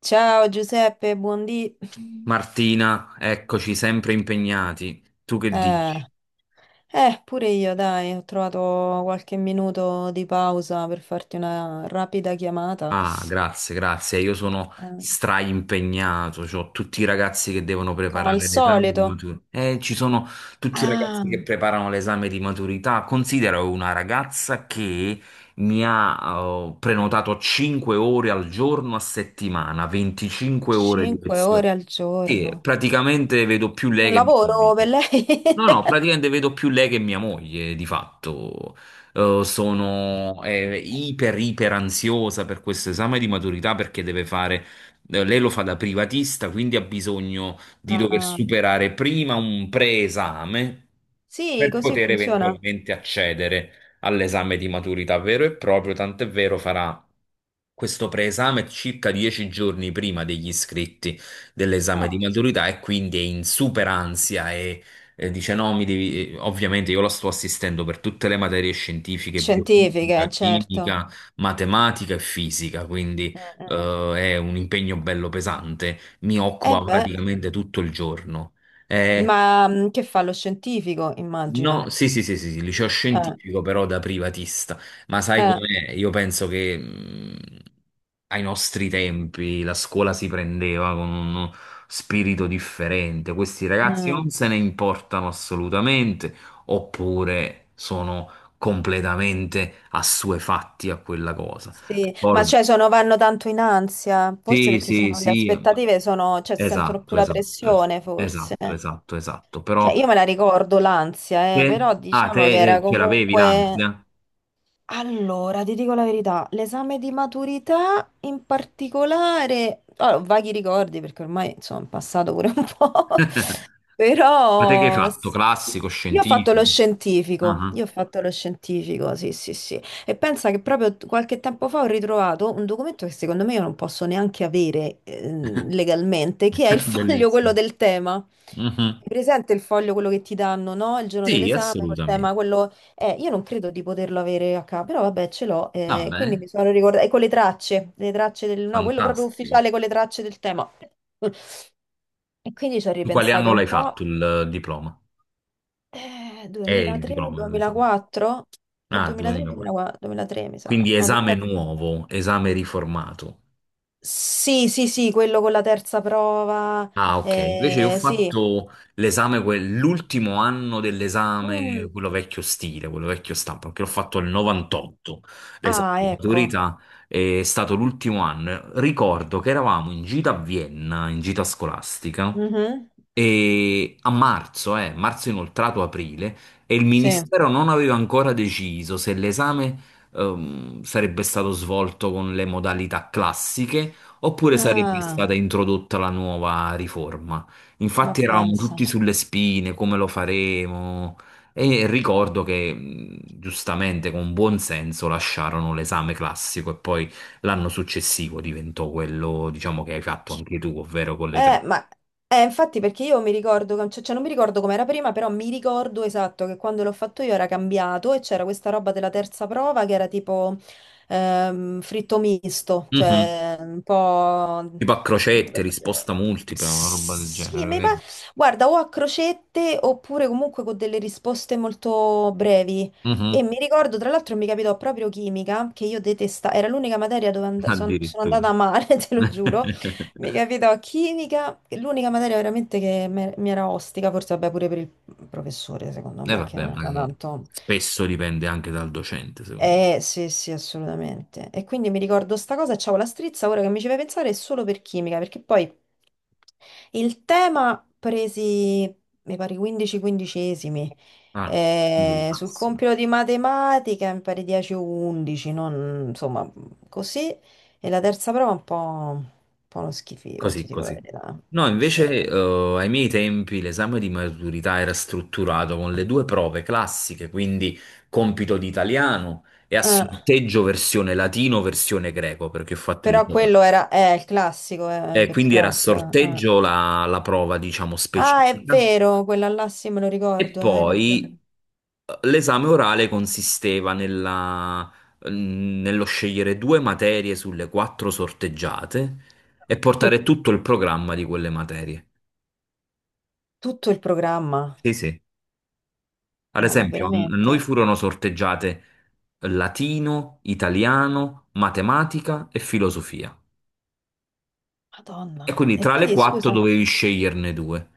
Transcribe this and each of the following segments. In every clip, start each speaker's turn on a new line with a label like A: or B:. A: Ciao Giuseppe, buondì.
B: Martina, eccoci sempre impegnati. Tu che
A: Eh,
B: dici?
A: pure io, dai, ho trovato qualche minuto di pausa per farti una rapida chiamata.
B: Ah, grazie, grazie. Io sono
A: Eh,
B: straimpegnato, ho tutti i ragazzi che devono
A: come al
B: preparare l'esame di
A: solito.
B: maturità. Ci sono tutti i
A: Ah,
B: ragazzi che preparano l'esame di maturità. Considero una ragazza che mi ha prenotato 5 ore al giorno a settimana, 25 ore di
A: 5 ore
B: lezione.
A: al
B: Sì,
A: giorno.
B: praticamente vedo più lei
A: Un
B: che
A: lavoro
B: mi.
A: per lei?
B: No, no, praticamente vedo più lei che mia moglie, di fatto. Sono iper ansiosa per questo esame di maturità perché deve fare. Lei lo fa da privatista, quindi ha bisogno di
A: Ah,
B: dover
A: ah.
B: superare prima un preesame
A: Sì,
B: per
A: così
B: poter
A: funziona.
B: eventualmente accedere all'esame di maturità vero e proprio, tant'è vero farà questo preesame circa 10 giorni prima degli iscritti dell'esame di
A: Ah,
B: maturità e quindi è in super ansia. È, dice no, mi devi. Ovviamente io la sto assistendo per tutte le materie scientifiche,
A: scientifiche,
B: biochimica,
A: certo.
B: chimica, matematica e fisica, quindi
A: Mm-mm.
B: è un impegno bello pesante, mi
A: Eh Eh
B: occupa
A: beh,
B: praticamente tutto il giorno. Eh,
A: ma che fa lo scientifico,
B: No,
A: immagino.
B: sì, sì, sì, sì, sì, liceo
A: Eh,
B: scientifico però da privatista, ma sai
A: eh,
B: com'è? Io penso che ai nostri tempi la scuola si prendeva con uno spirito differente. Questi ragazzi
A: mm.
B: non se ne importano assolutamente, oppure sono completamente assuefatti a quella cosa.
A: Sì, ma
B: Ricordo-
A: cioè sono, vanno tanto in ansia, forse
B: Sì,
A: perché
B: sì,
A: sono, le
B: sì,
A: aspettative sono, cioè sentono più
B: esatto,
A: la
B: esatto, esatto,
A: pressione forse.
B: esatto, esatto, esatto,
A: Cioè
B: però
A: io me la ricordo l'ansia,
B: te,
A: però
B: ah, te
A: diciamo che era
B: ce l'avevi
A: comunque.
B: l'ansia?
A: Allora, ti dico la verità, l'esame di maturità in particolare, allora, ho vaghi ricordi perché ormai insomma è passato pure un po',
B: Ma te che hai
A: però
B: fatto? Classico,
A: io ho fatto lo
B: scientifico?
A: scientifico,
B: Ah,
A: io ho fatto lo scientifico, sì, sì, sì, e pensa che proprio qualche tempo fa ho ritrovato un documento che secondo me io non posso neanche avere legalmente, che è il
B: ah.
A: foglio quello
B: Bellissimo.
A: del tema.
B: Mhm.
A: Hai presente il foglio, quello che ti danno, no? Il giorno
B: Sì,
A: dell'esame, col
B: assolutamente.
A: tema, quello io non credo di poterlo avere a capo, però vabbè, ce l'ho,
B: Va
A: quindi
B: bene,
A: mi sono ricordata, e con le tracce del, no, quello proprio
B: fantastico.
A: ufficiale con le tracce del tema. E quindi ci ho
B: In quale
A: ripensato
B: anno
A: un
B: l'hai fatto
A: po',
B: il diploma? È il
A: 2003,
B: diploma, l'esame.
A: 2004, o
B: Ah,
A: 2003,
B: 2004.
A: 2004, 2003 mi sa,
B: Quindi
A: no,
B: esame
A: 2003.
B: nuovo, esame riformato.
A: Sì, sì, sì, quello con la terza prova,
B: Ah, ok. Invece io ho
A: sì.
B: fatto l'esame, l'ultimo anno dell'esame,
A: Mm.
B: quello vecchio stile, quello vecchio stampo, perché l'ho fatto nel 98, l'esame
A: Ah,
B: di
A: ecco.
B: maturità, è stato l'ultimo anno. Ricordo che eravamo in gita a Vienna, in gita scolastica,
A: Mhm.
B: e a marzo inoltrato aprile, e il
A: Sì.
B: ministero non aveva ancora deciso se l'esame sarebbe stato svolto con le modalità classiche, oppure sarebbe
A: Ah,
B: stata introdotta la nuova riforma.
A: ma
B: Infatti eravamo
A: pensa.
B: tutti sulle spine, come lo faremo? E ricordo che giustamente, con buon senso, lasciarono l'esame classico e poi l'anno successivo diventò quello, diciamo, che hai fatto anche tu, ovvero con le
A: Eh,
B: tre.
A: ma infatti perché io mi ricordo, cioè, non mi ricordo com'era prima, però mi ricordo esatto che quando l'ho fatto io era cambiato e c'era questa roba della terza prova che era tipo fritto misto,
B: Mhm.
A: cioè un po'.
B: Tipo a crocette, risposta multipla, una roba del
A: Sì,
B: genere, vero?
A: guarda, o a crocette oppure comunque con delle risposte molto brevi.
B: Mhm.
A: E mi ricordo, tra l'altro, mi capitò proprio chimica, che io detestavo, era l'unica materia dove sono
B: Addirittura.
A: andata a male, te lo giuro. Mica vedo chimica, che è l'unica materia veramente che mi era ostica, forse vabbè pure per il professore, secondo
B: E
A: me, che
B: vabbè,
A: non
B: ma
A: era tanto.
B: spesso dipende anche dal docente, secondo me.
A: Sì, sì, assolutamente. E quindi mi ricordo sta cosa e c'avevo la strizza, ora che mi ci fai pensare, è solo per chimica, perché poi il tema presi, mi pare, 15 quindicesimi,
B: Ah, il
A: sul
B: massimo.
A: compito di matematica mi pare 10 o 11, non, insomma, così. E la terza prova è un po' uno schifo, ti
B: Così,
A: dico la
B: così.
A: verità.
B: No,
A: Sì.
B: invece, ai miei tempi l'esame di maturità era strutturato con le due prove classiche, quindi compito di italiano e a
A: Eh.
B: sorteggio versione latino, versione greco, perché ho fatto il
A: Però
B: liceo classico.
A: quello era il classico,
B: E
A: per il
B: quindi era a
A: classico. Eh.
B: sorteggio la prova, diciamo,
A: Ah, è
B: specifica.
A: vero, quella là sì, me lo
B: E
A: ricordo, hai ragione.
B: poi l'esame orale consisteva nello scegliere due materie sulle quattro sorteggiate e portare tutto il programma di quelle materie.
A: Tutto il programma.
B: Sì, sì. Ad
A: No, ma
B: esempio, a noi
A: veramente.
B: furono sorteggiate latino, italiano, matematica e filosofia. E
A: Madonna.
B: quindi
A: E
B: tra le
A: quindi,
B: quattro
A: scusa.
B: dovevi sceglierne due.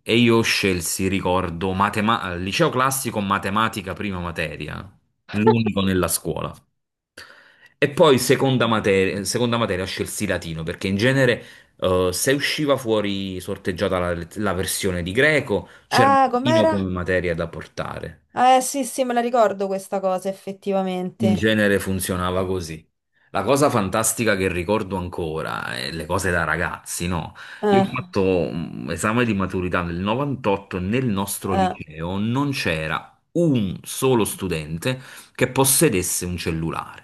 B: E io scelsi, ricordo, liceo classico, matematica prima materia, l'unico nella scuola. E poi seconda
A: No.
B: materia, seconda materia scelsi latino perché in genere se usciva fuori sorteggiata la versione di greco, c'era
A: Ah,
B: latino
A: com'era?
B: come materia da portare.
A: Ah, sì, sì, me la ricordo questa cosa,
B: In
A: effettivamente.
B: genere funzionava così. La cosa fantastica che ricordo ancora è le cose da ragazzi, no? Io ho
A: Eh,
B: fatto un esame di maturità nel 98 e nel nostro
A: eh.
B: liceo non c'era un solo studente che possedesse un cellulare,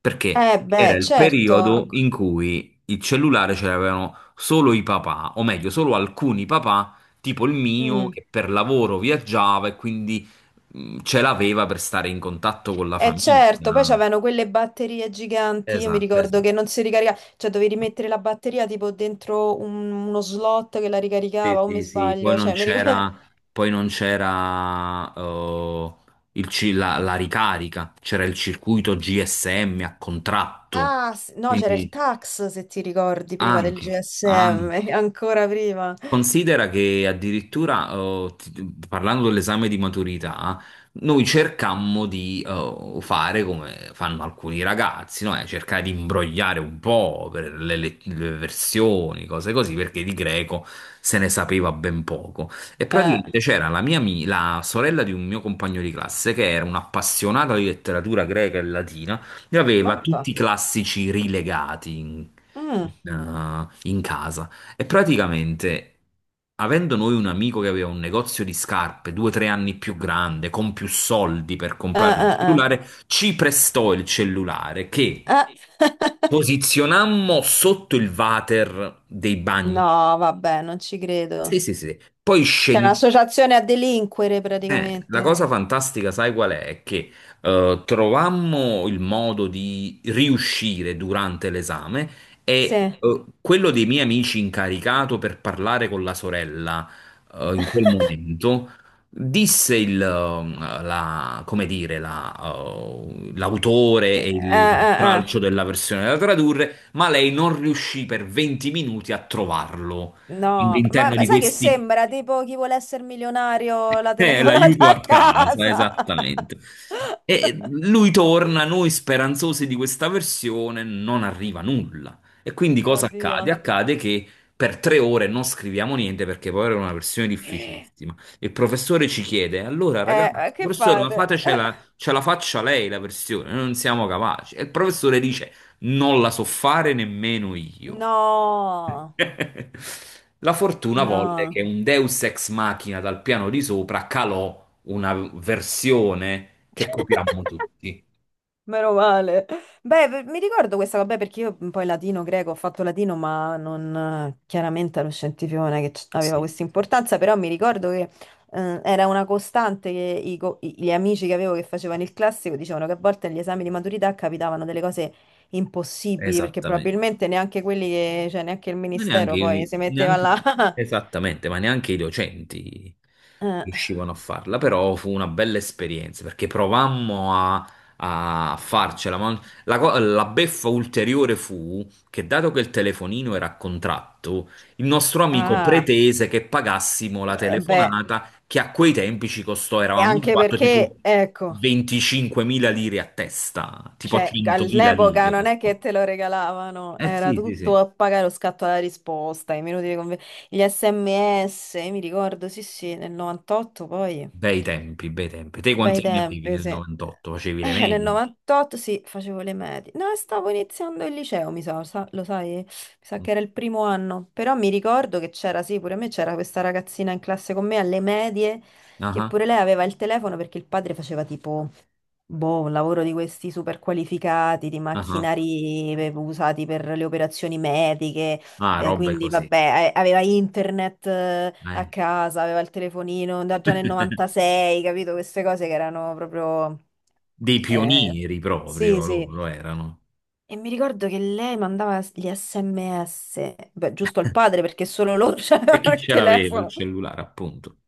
B: perché era
A: Beh,
B: il
A: certo.
B: periodo
A: Ecco.
B: in cui il cellulare ce l'avevano solo i papà, o meglio, solo alcuni papà, tipo il mio,
A: Mm.
B: che per lavoro viaggiava e quindi ce l'aveva per stare in contatto con la
A: Eh,
B: famiglia.
A: certo, poi c'avevano quelle batterie giganti, io mi
B: Esatto,
A: ricordo
B: esatto.
A: che non si ricaricava, cioè dovevi mettere la batteria tipo dentro uno slot che la ricaricava,
B: Sì,
A: o mi
B: sì, sì. Poi
A: sbaglio,
B: non
A: cioè mi ricordo.
B: c'era, poi non c'era la ricarica, c'era il circuito GSM a contratto.
A: Ah, no, c'era il
B: Quindi
A: tax, se ti ricordi, prima del
B: anche, anche.
A: GSM, ancora prima.
B: Considera che addirittura, parlando dell'esame di maturità, noi cercammo di fare come fanno alcuni ragazzi, no? Cercare di imbrogliare un po' per le versioni, cose così, perché di greco se ne sapeva ben poco. E
A: Eh,
B: praticamente c'era la sorella di un mio compagno di classe, che era un'appassionata di letteratura greca e latina, e aveva tutti
A: mappa.
B: i classici rilegati in
A: Mm.
B: in, eh, in casa. E praticamente, avendo noi un amico che aveva un negozio di scarpe 2 o 3 anni più grande, con più soldi per comprare un
A: Eh.
B: cellulare, ci prestò il cellulare che
A: Eh.
B: posizionammo sotto il water dei bagni.
A: No, vabbè, non ci
B: Sì,
A: credo.
B: sì, sì. Poi
A: C'è
B: scendiamo.
A: un'associazione a delinquere
B: La
A: praticamente.
B: cosa fantastica, sai qual è? È che trovammo il modo di riuscire durante l'esame, e
A: Sì.
B: quello dei miei amici incaricato per parlare con la sorella in quel momento disse come dire, l'autore e il
A: Eh.
B: tralcio della versione da tradurre, ma lei non riuscì per 20 minuti a trovarlo
A: No, ma
B: all'interno
A: ma
B: di
A: sai che
B: questi.
A: sembra tipo chi vuole essere milionario la telefonata
B: L'aiuto
A: a
B: a casa,
A: casa.
B: esattamente. E lui torna, noi speranzosi di questa versione, non arriva nulla. E quindi cosa
A: Oddio.
B: accade? Accade che per 3 ore non scriviamo niente perché poi era una versione
A: Eh,
B: difficilissima. Il professore ci chiede: Allora, ragazzi,
A: che
B: professore, ma
A: fate?
B: fatecela, ce la ce la faccia lei la versione, noi non siamo capaci. E il professore dice: Non la so fare nemmeno io.
A: No,
B: La fortuna volle che
A: no.
B: un Deus ex machina dal piano di sopra calò una versione che copiammo tutti.
A: Meno male. Beh, mi ricordo questa, vabbè, perché io poi latino, greco, ho fatto latino, ma non, chiaramente lo scientifico non è che aveva
B: Sì,
A: questa importanza, però mi ricordo che era una costante che gli amici che avevo che facevano il classico dicevano che a volte agli esami di maturità capitavano delle cose impossibili, perché
B: esattamente.
A: probabilmente neanche quelli che, cioè neanche il
B: Ma
A: ministero poi
B: neanche,
A: si metteva
B: neanche
A: là.
B: esattamente, ma neanche i docenti
A: Eh,
B: riuscivano a farla, però fu una bella esperienza perché provammo a farcela, ma la beffa ulteriore fu che dato che il telefonino era a contratto, il nostro amico
A: ah,
B: pretese che pagassimo la
A: beh,
B: telefonata che a quei tempi ci costò,
A: e
B: eravamo in
A: anche
B: quattro
A: perché,
B: tipo
A: ecco.
B: 25.000 lire a testa, tipo
A: Cioè,
B: 100.000
A: all'epoca
B: lire
A: non è
B: costò.
A: che te lo regalavano,
B: Eh
A: era
B: sì, sì,
A: tutto
B: sì.
A: a pagare lo scatto alla risposta, i minuti di gli SMS, mi ricordo, sì, sì, nel 98 poi
B: Bei tempi, bei tempi. Te
A: bei
B: quanti anni avevi
A: tempi,
B: nel
A: sì.
B: 98? Facevi le
A: Nel
B: medie?
A: 98 sì, facevo le medie. No, stavo iniziando il liceo, mi sa, lo sai? Mi sa
B: Mm.
A: che era il primo anno. Però mi ricordo che c'era, sì, pure a me c'era questa ragazzina in classe con me alle medie, che
B: Ah,
A: pure lei aveva il telefono perché il padre faceva tipo, boh, un lavoro di questi super qualificati, di
B: ah, ah.
A: macchinari usati per le operazioni mediche.
B: Ah,
A: Eh,
B: robe
A: quindi
B: così.
A: vabbè, aveva internet
B: Eh.
A: a casa, aveva il telefonino da già nel 96, capito? Queste cose che erano proprio.
B: Dei
A: Eh,
B: pionieri
A: sì,
B: proprio
A: sì.
B: loro erano.
A: E mi ricordo che lei mandava gli SMS, beh, giusto al padre perché solo loro
B: E
A: avevano
B: chi
A: il
B: ce l'aveva il
A: telefono.
B: cellulare, appunto?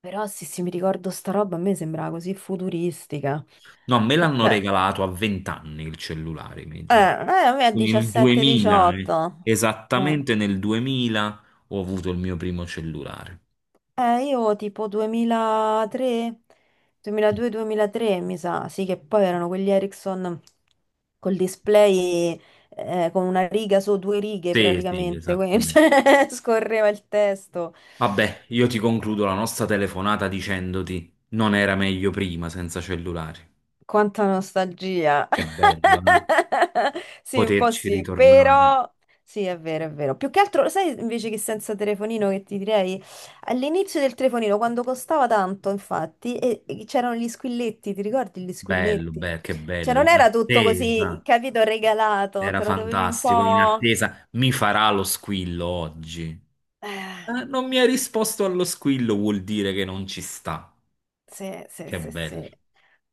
A: Però sì, sì, mi ricordo sta roba, a me sembrava così futuristica.
B: No, me l'hanno
A: Eh,
B: regalato a 20 anni il cellulare,
A: eh,
B: invece.
A: eh, a me a
B: Nel 2000, eh.
A: 17-18.
B: Esattamente nel 2000 ho avuto il mio primo cellulare.
A: Io tipo 2003, 2002-2003 mi sa, sì che poi erano quegli Ericsson col display con una riga su due righe
B: Sì, sì,
A: praticamente, quindi
B: esattamente.
A: cioè, scorreva il testo.
B: Vabbè, io ti concludo la nostra telefonata dicendoti non era meglio prima senza cellulari.
A: Quanta nostalgia.
B: Che bello, eh?
A: Sì, un po'
B: Poterci
A: sì,
B: ritornare.
A: però sì, è vero, è vero. Più che altro, sai invece che senza telefonino che ti direi? All'inizio del telefonino, quando costava tanto, infatti, e c'erano gli squilletti, ti ricordi gli
B: Bello,
A: squilletti?
B: beh, che
A: Cioè,
B: bello.
A: non
B: In
A: era tutto così,
B: attesa,
A: capito, regalato,
B: era
A: te lo dovevi un
B: fantastico. In
A: po'.
B: attesa, mi farà lo squillo oggi.
A: Eh,
B: Non mi ha risposto allo squillo, vuol dire che non ci sta.
A: sì, sì,
B: Che
A: sì,
B: bello.
A: sì.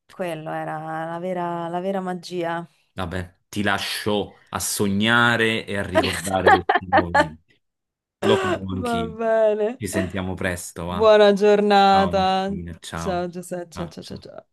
A: Quello era la vera magia.
B: Vabbè, ti lascio a sognare e a ricordare questi momenti. Lo farò
A: Va
B: anch'io.
A: bene.
B: Ci sentiamo presto, va?
A: Buona
B: Ciao
A: giornata.
B: Martina,
A: Ciao
B: ciao.
A: Giuseppe, ciao
B: Ah,
A: ciao ciao.
B: ciao.
A: Ciao.